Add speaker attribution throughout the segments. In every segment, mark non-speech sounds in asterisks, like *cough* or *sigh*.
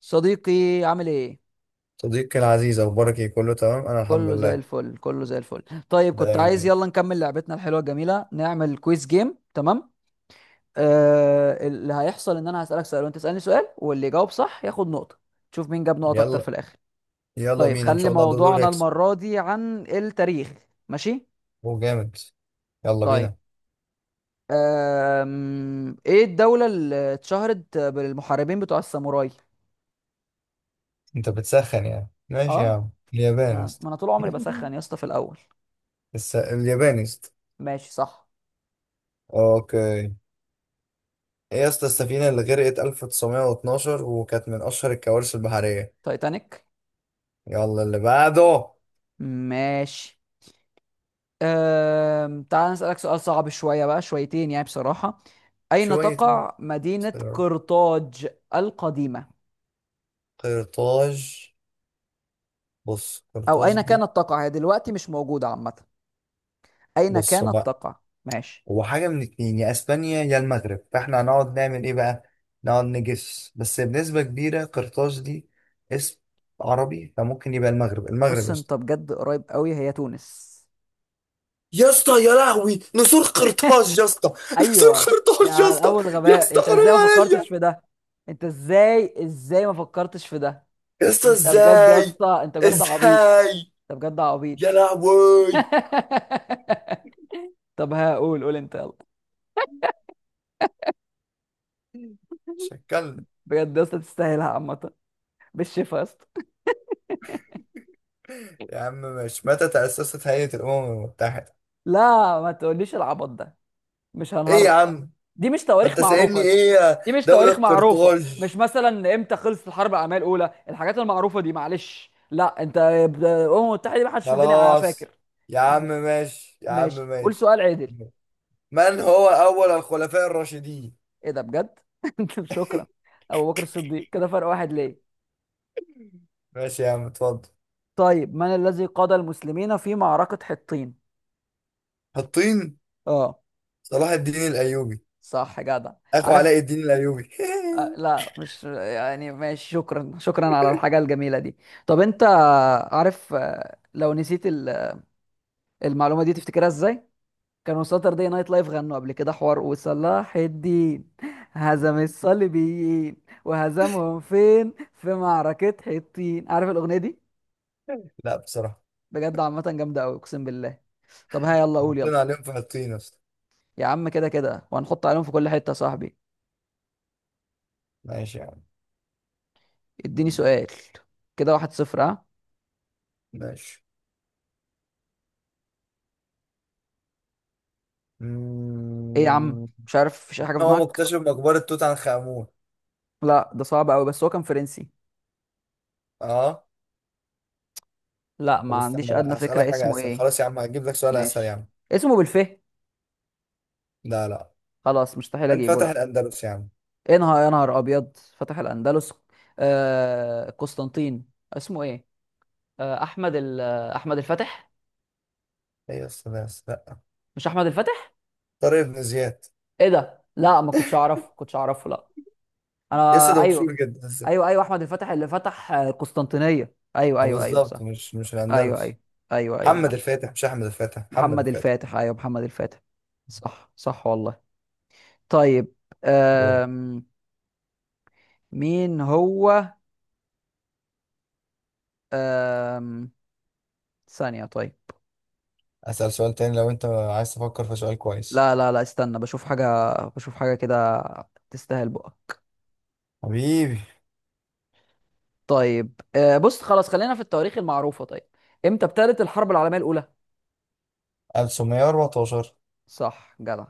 Speaker 1: صديقي، عامل ايه؟
Speaker 2: صديقي العزيز، اخبارك ايه؟ كله تمام، انا الحمد
Speaker 1: كله زي
Speaker 2: لله.
Speaker 1: الفل، كله زي الفل. طيب، كنت عايز،
Speaker 2: دايما.
Speaker 1: يلا نكمل لعبتنا الحلوه الجميله، نعمل كويز جيم، تمام. آه، اللي هيحصل ان انا هسالك سؤال، وانت تسالني سؤال، واللي يجاوب صح ياخد نقطه. تشوف مين جاب نقط اكتر في
Speaker 2: يلا.
Speaker 1: الاخر.
Speaker 2: يلا
Speaker 1: طيب
Speaker 2: بينا ان
Speaker 1: خلي
Speaker 2: شاء الله دول
Speaker 1: موضوعنا
Speaker 2: يكسب.
Speaker 1: المره دي عن التاريخ. ماشي.
Speaker 2: هو جامد. يلا
Speaker 1: طيب،
Speaker 2: بينا.
Speaker 1: ايه الدوله اللي اتشهرت بالمحاربين بتوع الساموراي؟
Speaker 2: انت بتسخن يعني؟ ماشي يا
Speaker 1: اه.
Speaker 2: عم، اليابان يا
Speaker 1: ما
Speaker 2: اسطى.
Speaker 1: ما انا طول عمري بسخن يا
Speaker 2: *laughs*
Speaker 1: اسطى في الاول.
Speaker 2: اليابان يا اسطى.
Speaker 1: ماشي، صح.
Speaker 2: اوكي. ايه يا اسطى السفينه اللي غرقت 1912 وكانت من اشهر الكوارث البحريه؟
Speaker 1: تايتانيك.
Speaker 2: يلا اللي بعده.
Speaker 1: ماشي. تعال نسألك سؤال صعب شوية، بقى شويتين يعني، بصراحة. أين
Speaker 2: شويه.
Speaker 1: تقع مدينة قرطاج القديمة؟
Speaker 2: قرطاج. بص
Speaker 1: أو
Speaker 2: قرطاج
Speaker 1: أين
Speaker 2: دي.
Speaker 1: كانت تقع، هي دلوقتي مش موجودة عامة. أين
Speaker 2: بص
Speaker 1: كانت
Speaker 2: بقى،
Speaker 1: تقع؟ ماشي.
Speaker 2: هو حاجة من اتنين، يا اسبانيا يا المغرب، فاحنا هنقعد نعمل ايه بقى؟ نقعد نجس. بس بنسبة كبيرة، قرطاج دي اسم عربي فممكن يبقى المغرب. المغرب
Speaker 1: بص،
Speaker 2: يا اسطى.
Speaker 1: أنت بجد قريب قوي، هي تونس.
Speaker 2: يا اسطى يا لهوي، نسور قرطاج يا اسطى. *laughs* نسور
Speaker 1: أيوة. يا
Speaker 2: قرطاج يا
Speaker 1: على
Speaker 2: اسطى.
Speaker 1: الأول
Speaker 2: يا
Speaker 1: غباء،
Speaker 2: اسطى
Speaker 1: أنت إزاي
Speaker 2: حرام
Speaker 1: ما
Speaker 2: عليا.
Speaker 1: فكرتش في ده؟ أنت إزاي ما فكرتش في ده؟
Speaker 2: يا اسطى
Speaker 1: أنت بجد يا
Speaker 2: ازاي؟
Speaker 1: اسطى، أنت بجد عبيط.
Speaker 2: ازاي؟
Speaker 1: أنت بجد
Speaker 2: يا
Speaker 1: عبيط.
Speaker 2: لهوي.
Speaker 1: *laughs* طب، هقول قول أنت، يلا.
Speaker 2: شكلنا.
Speaker 1: بجد يا اسطى تستاهلها عامة. بالشفا يا اسطى.
Speaker 2: يا عم، مش متى تأسست هيئة الأمم المتحدة؟
Speaker 1: لا، ما تقوليش العبط ده. مش
Speaker 2: ايه
Speaker 1: هنهرج.
Speaker 2: يا عم؟
Speaker 1: دي مش
Speaker 2: ما
Speaker 1: تواريخ
Speaker 2: انت
Speaker 1: معروفة
Speaker 2: سايبني
Speaker 1: يا اسطى.
Speaker 2: ايه يا
Speaker 1: دي مش
Speaker 2: دولة
Speaker 1: تواريخ معروفة، مش
Speaker 2: قرطاج!
Speaker 1: مثلا امتى خلصت الحرب العالمية الأولى؟ الحاجات المعروفة دي معلش. لا انت الأمم المتحدة دي ما حدش في الدنيا
Speaker 2: خلاص
Speaker 1: فاكر.
Speaker 2: يا عم،
Speaker 1: ماشي.
Speaker 2: ماشي يا عم
Speaker 1: ماشي، قول
Speaker 2: ماشي.
Speaker 1: سؤال عدل.
Speaker 2: من هو أول الخلفاء الراشدين؟
Speaker 1: ايه ده بجد! *laughs* شكرا. أبو بكر الصديق، كده فرق واحد ليه.
Speaker 2: ماشي يا عم، اتفضل.
Speaker 1: طيب، من الذي قاد المسلمين في معركة حطين؟
Speaker 2: حطين.
Speaker 1: اه.
Speaker 2: صلاح الدين الأيوبي.
Speaker 1: صح جدع.
Speaker 2: أخو
Speaker 1: عارف.
Speaker 2: علاء الدين الأيوبي.
Speaker 1: لا مش يعني، ماشي، شكرا، شكرا على الحاجة الجميلة دي. طب انت عارف، لو نسيت المعلومة دي تفتكرها ازاي؟ كانوا ساتردي نايت لايف غنوا قبل كده حوار، وصلاح الدين هزم الصليبيين. وهزمهم فين؟ في معركة حطين، عارف الأغنية دي؟
Speaker 2: *laughs* لا بصراحة.
Speaker 1: بجد عامة جامدة أوي، أقسم بالله. طب ها، يلا قول، يلا.
Speaker 2: حطينا عليهم في حطين أصلا.
Speaker 1: يا عم كده كده وهنحط عليهم في كل حتة يا صاحبي.
Speaker 2: ماشي يا عم.
Speaker 1: اديني سؤال. كده، 1-0، ها؟
Speaker 2: ماشي.
Speaker 1: ايه يا عم،
Speaker 2: مم.
Speaker 1: مش عارف؟ مفيش أي حاجة في
Speaker 2: هو
Speaker 1: دماغك؟
Speaker 2: مكتشف مقبرة توت عنخ آمون.
Speaker 1: لا، ده صعب قوي، بس هو كان فرنسي.
Speaker 2: اه.
Speaker 1: لا، ما
Speaker 2: طب
Speaker 1: عنديش
Speaker 2: استنى
Speaker 1: ادنى
Speaker 2: بقى، هسألك
Speaker 1: فكرة
Speaker 2: حاجة
Speaker 1: اسمه
Speaker 2: أسهل.
Speaker 1: ايه.
Speaker 2: خلاص يا عم، هجيب لك سؤال أسهل يا
Speaker 1: ماشي.
Speaker 2: عم.
Speaker 1: اسمه بالف.
Speaker 2: لا لا.
Speaker 1: خلاص مستحيل
Speaker 2: من
Speaker 1: اجيبه،
Speaker 2: فتح
Speaker 1: لا.
Speaker 2: الأندلس يا عم؟
Speaker 1: ايه نهار يا نهار ابيض! فتح الاندلس. آه، قسطنطين. اسمه ايه؟ آه احمد ال- آه، احمد الفاتح.
Speaker 2: ايه السلام؟ لا.
Speaker 1: مش احمد الفاتح؟
Speaker 2: طارق بن زياد.
Speaker 1: ايه ده! لا ما كنتش اعرف، كنتش اعرفه، لا.
Speaker 2: لسه
Speaker 1: انا
Speaker 2: ده
Speaker 1: ايوه.
Speaker 2: مشهور جدا لسه.
Speaker 1: ايوه، ايوه، احمد الفاتح اللي فتح القسطنطينية، ايوه، ايوه، ايوه،
Speaker 2: بالظبط،
Speaker 1: صح.
Speaker 2: مش
Speaker 1: ايوه،
Speaker 2: الاندلس.
Speaker 1: ايوه. ايوه، ايوه،
Speaker 2: محمد
Speaker 1: معلش.
Speaker 2: الفاتح، مش احمد الفاتح، محمد
Speaker 1: محمد
Speaker 2: الفاتح.
Speaker 1: الفاتح، ايوه محمد الفاتح. صح، صح والله. طيب.
Speaker 2: دور.
Speaker 1: أم... مين هو. أم... ثانية، طيب.
Speaker 2: اسال سؤال تاني لو انت عايز تفكر في سؤال كويس.
Speaker 1: لا، لا، لا، استنى بشوف حاجة، بشوف حاجة كده. تستاهل بقك.
Speaker 2: حبيبي.
Speaker 1: طيب، بص خلاص خلينا في التواريخ المعروفة، طيب. امتى ابتدت الحرب العالمية الأولى؟
Speaker 2: 1914.
Speaker 1: صح جدع.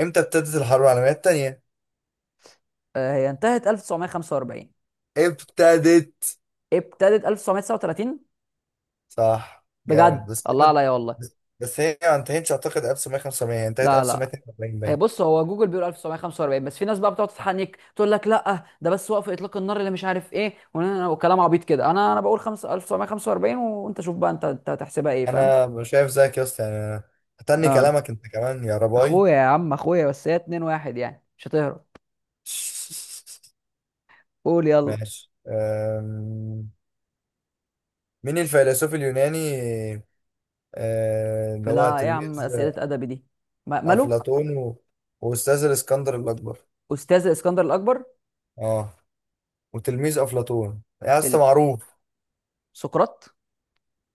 Speaker 2: امتى ابتدت الحرب العالميه الثانيه؟
Speaker 1: هي انتهت 1945.
Speaker 2: ابتدت.
Speaker 1: ابتدت 1939.
Speaker 2: صح جامد.
Speaker 1: بجد، الله عليا والله.
Speaker 2: بس هي ما انتهتش اعتقد 1905، هي انتهت
Speaker 1: لا، لا،
Speaker 2: 1942
Speaker 1: هي
Speaker 2: باين.
Speaker 1: بص، هو جوجل بيقول 1945، بس في ناس بقى بتقعد تتحنك تقول لك لا، ده بس وقف اطلاق النار اللي مش عارف ايه، وكلام عبيط كده. انا بقول 5 1945، وانت شوف بقى، انت هتحسبها ايه، فاهم؟
Speaker 2: انا مش شايف زيك يا اسطى يعني. أنا هتني
Speaker 1: اه.
Speaker 2: كلامك انت كمان يا رباي.
Speaker 1: اخويا يا عم، اخويا بس، هي 2-1 يعني، مش هتهرب. قول
Speaker 2: *laughs*
Speaker 1: يلا.
Speaker 2: ماشي. مين الفيلسوف اليوناني، اللي هو
Speaker 1: فلا إيه يا عم،
Speaker 2: تلميذ
Speaker 1: اسئله ادبي دي. ماله.
Speaker 2: أفلاطون وأستاذ الإسكندر الأكبر؟
Speaker 1: استاذ الاسكندر الاكبر.
Speaker 2: اه. وتلميذ أفلاطون يا اسطى
Speaker 1: ال-
Speaker 2: معروف.
Speaker 1: سقراط.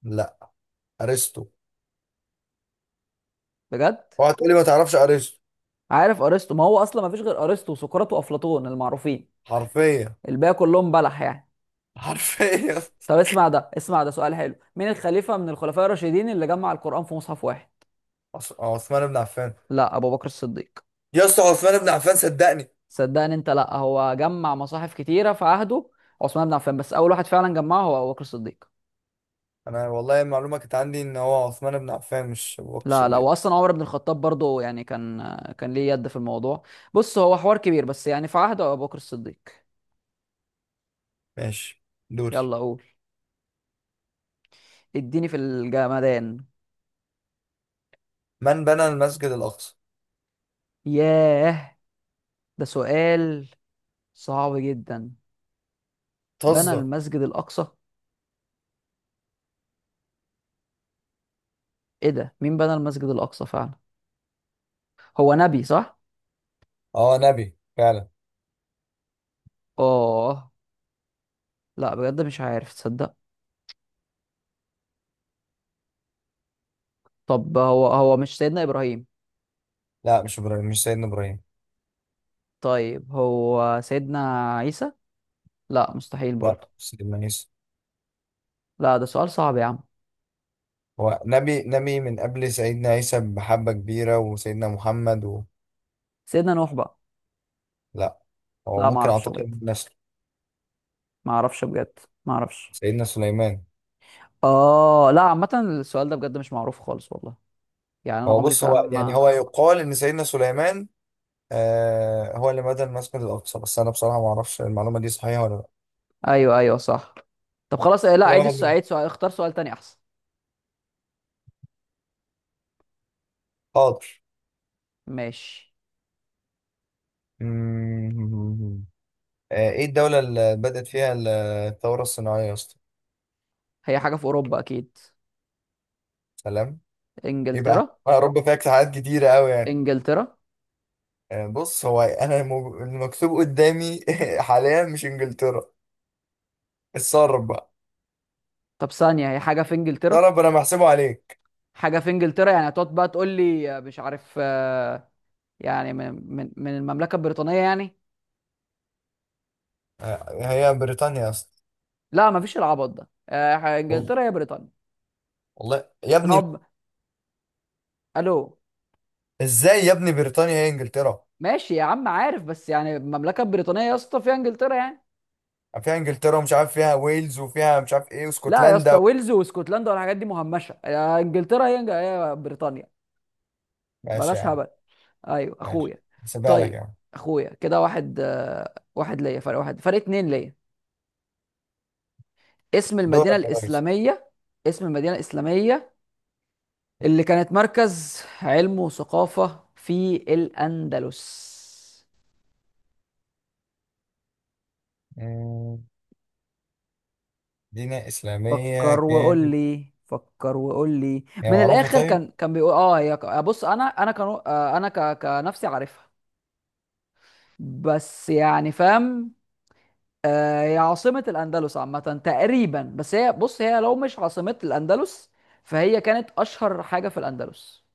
Speaker 2: لا. أرسطو.
Speaker 1: بجد.
Speaker 2: اوعى تقولي ما تعرفش أرسطو.
Speaker 1: عارف ارسطو، ما هو اصلا ما فيش غير ارسطو وسقراط وافلاطون المعروفين.
Speaker 2: حرفيا.
Speaker 1: الباقي كلهم بلح يعني.
Speaker 2: *laughs* حرفيا.
Speaker 1: طب اسمع ده، اسمع ده، سؤال حلو، مين الخليفة من الخلفاء الراشدين اللي جمع القرآن في مصحف واحد؟
Speaker 2: عثمان بن عفان.
Speaker 1: لا، أبو بكر الصديق.
Speaker 2: يا اسطى، عثمان بن عفان صدقني.
Speaker 1: صدقني انت، لا هو جمع مصاحف كتيرة في عهده عثمان بن عفان، بس أول واحد فعلا جمعه هو أبو بكر الصديق.
Speaker 2: أنا والله المعلومة كانت عندي إن هو عثمان بن عفان، مش أبو بكر
Speaker 1: لا، لا،
Speaker 2: الصديق.
Speaker 1: وأصلا عمر بن الخطاب برضه يعني كان، كان ليه يد في الموضوع. بص هو حوار كبير بس يعني، في عهده أبو بكر الصديق.
Speaker 2: ماشي. دوري.
Speaker 1: يلا قول. اديني في الجمدان.
Speaker 2: من بنى المسجد الأقصى؟
Speaker 1: ياه، ده سؤال صعب جدا. بنى
Speaker 2: تهزر.
Speaker 1: المسجد الأقصى. ايه ده، مين بنى المسجد الأقصى فعلا؟ هو نبي، صح؟
Speaker 2: اه نبي فعلا.
Speaker 1: اه. لا بجد مش عارف، تصدق. طب، هو مش سيدنا ابراهيم؟
Speaker 2: لا مش إبراهيم، مش سيدنا إبراهيم.
Speaker 1: طيب، هو سيدنا عيسى؟ لا مستحيل
Speaker 2: لا
Speaker 1: برضه.
Speaker 2: سيدنا عيسى.
Speaker 1: لا، ده سؤال صعب يا عم.
Speaker 2: هو نبي، نبي من قبل سيدنا عيسى بحبة كبيرة وسيدنا محمد
Speaker 1: سيدنا نوح بقى؟
Speaker 2: لا. هو
Speaker 1: لا ما
Speaker 2: ممكن
Speaker 1: اعرفش
Speaker 2: أعتقد
Speaker 1: بجد.
Speaker 2: من نسل
Speaker 1: ما اعرفش بجد. ما اعرفش.
Speaker 2: سيدنا سليمان.
Speaker 1: اه، لا عامه السؤال ده بجد مش معروف خالص والله. يعني انا
Speaker 2: هو
Speaker 1: عمري
Speaker 2: بص، هو
Speaker 1: فعلا
Speaker 2: يعني
Speaker 1: ما...
Speaker 2: هو يقال إن سيدنا سليمان، آه، هو اللي بنى المسجد الأقصى، بس أنا بصراحة ما أعرفش المعلومة دي صحيحة ولا لا.
Speaker 1: ايوه، ايوه، صح. طب خلاص. إيه، لا
Speaker 2: كده
Speaker 1: عيد
Speaker 2: واحد
Speaker 1: السؤال،
Speaker 2: منهم.
Speaker 1: عيد سؤال، اختار سؤال تاني احسن.
Speaker 2: حاضر.
Speaker 1: ماشي.
Speaker 2: مم. آه، إيه الدولة اللي بدأت فيها الثورة الصناعية يا اسطى؟
Speaker 1: هي حاجه في اوروبا اكيد.
Speaker 2: سلام. إيه بقى؟
Speaker 1: انجلترا.
Speaker 2: يا رب فيها اجتهادات كتيرة أوي يعني.
Speaker 1: انجلترا.
Speaker 2: بص هو المكتوب قدامي. *laughs* حاليا مش انجلترا. اتصرف بقى.
Speaker 1: طب ثانيه، هي حاجه في انجلترا.
Speaker 2: اتصرف، انا محسبه عليك.
Speaker 1: حاجه في انجلترا يعني، هتقعد بقى تقول لي مش عارف يعني من المملكه البريطانيه يعني.
Speaker 2: هي بريطانيا اصلا.
Speaker 1: لا مفيش العبط ده،
Speaker 2: وال-
Speaker 1: انجلترا هي بريطانيا.
Speaker 2: والله يا ابني.
Speaker 1: نوب. الو.
Speaker 2: ازاي يا ابني بريطانيا هي انجلترا؟
Speaker 1: ماشي يا عم، عارف، بس يعني المملكه البريطانيه يا اسطى فيها انجلترا يعني.
Speaker 2: فيها انجلترا ومش عارف فيها ويلز وفيها مش عارف ايه،
Speaker 1: لا يا اسطى،
Speaker 2: واسكتلندا
Speaker 1: ويلز واسكتلندا والحاجات دي مهمشه، انجلترا هي بريطانيا.
Speaker 2: ماشي يا
Speaker 1: بلاش
Speaker 2: عم،
Speaker 1: هبل. ايوه
Speaker 2: ماشي.
Speaker 1: اخويا.
Speaker 2: هسيبها لك يا
Speaker 1: طيب.
Speaker 2: عم.
Speaker 1: اخويا، كده واحد، واحد ليا، فرق واحد، فرق اتنين ليا. اسم المدينه
Speaker 2: دورك يا ريس.
Speaker 1: الاسلاميه. اسم المدينه الاسلاميه اللي كانت مركز علم وثقافة في الأندلس.
Speaker 2: مم، دينا اسلاميه
Speaker 1: فكر وقول
Speaker 2: كانت.
Speaker 1: لي، فكر وقول لي،
Speaker 2: هي
Speaker 1: من
Speaker 2: معروفه
Speaker 1: الآخر
Speaker 2: طيب
Speaker 1: كان بيقول اه، هي بص، أنا كان، أنا كنفسي عارفها. بس يعني، فاهم. هي عاصمة الأندلس عامة، تقريبا. بس هي بص، هي لو مش عاصمة الأندلس، فهي كانت أشهر حاجة في الأندلس.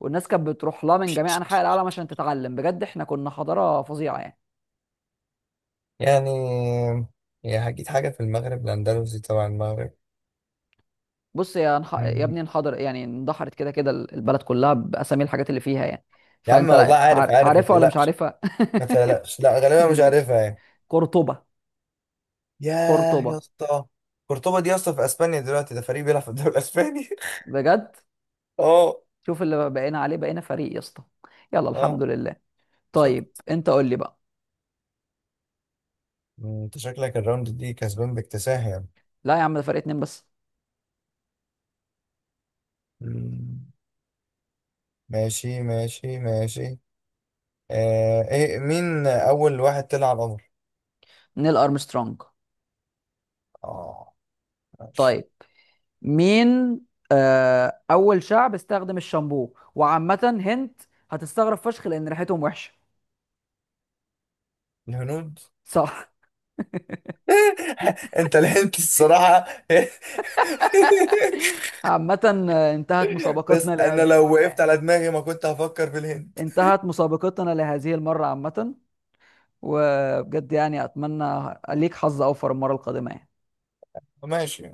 Speaker 1: والناس كانت بتروح لها من جميع أنحاء العالم عشان تتعلم، بجد احنا كنا حضارة فظيعة يعني.
Speaker 2: يعني. هي هجيب حاجه في المغرب الاندلسي، طبعا المغرب.
Speaker 1: بص يا يا ابني، انحدر يعني اندحرت كده كده، البلد كلها باسامي الحاجات اللي فيها يعني.
Speaker 2: يا عم
Speaker 1: فانت
Speaker 2: والله عارف، عارف ما
Speaker 1: عارفها ولا مش
Speaker 2: تقلقش.
Speaker 1: عارفها.
Speaker 2: ما تقلقش، لا
Speaker 1: *laughs*
Speaker 2: غالبا مش
Speaker 1: ماشي.
Speaker 2: عارفها يعني.
Speaker 1: قرطبة.
Speaker 2: ياه
Speaker 1: قرطبة.
Speaker 2: يا اسطى. قرطبة دي يا اسطى في اسبانيا دلوقتي، ده فريق بيلعب في الدوري الاسباني.
Speaker 1: بجد؟
Speaker 2: *laughs* اه.
Speaker 1: شوف اللي بقينا عليه، بقينا فريق يا اسطى. يلا، الحمد
Speaker 2: اه.
Speaker 1: لله.
Speaker 2: شوف،
Speaker 1: طيب، انت قول لي بقى.
Speaker 2: انت شكلك الراوند دي كسبان باكتساح يعني.
Speaker 1: لا يا عم، ده فريق اتنين بس.
Speaker 2: مم. ماشي ماشي ماشي. آه، ايه؟ مين اول واحد طلع على القمر؟
Speaker 1: نيل ارمسترونج.
Speaker 2: اه. ماشي.
Speaker 1: طيب. مين... اول شعب استخدم الشامبو، وعامة هنت هتستغرب فشخ لان ريحتهم وحشة.
Speaker 2: الهنود.
Speaker 1: صح.
Speaker 2: *laughs* انت لحنت الصراحة.
Speaker 1: عامة انتهت
Speaker 2: *laughs* بس
Speaker 1: مسابقتنا
Speaker 2: انا
Speaker 1: لهذه
Speaker 2: لو
Speaker 1: المرة
Speaker 2: وقفت
Speaker 1: يعني.
Speaker 2: على دماغي ما كنت هفكر في الهند.
Speaker 1: انتهت مسابقتنا لهذه المرة عامة. وبجد يعني، أتمنى ليك حظ أوفر المرة القادمة يعني.
Speaker 2: ماشي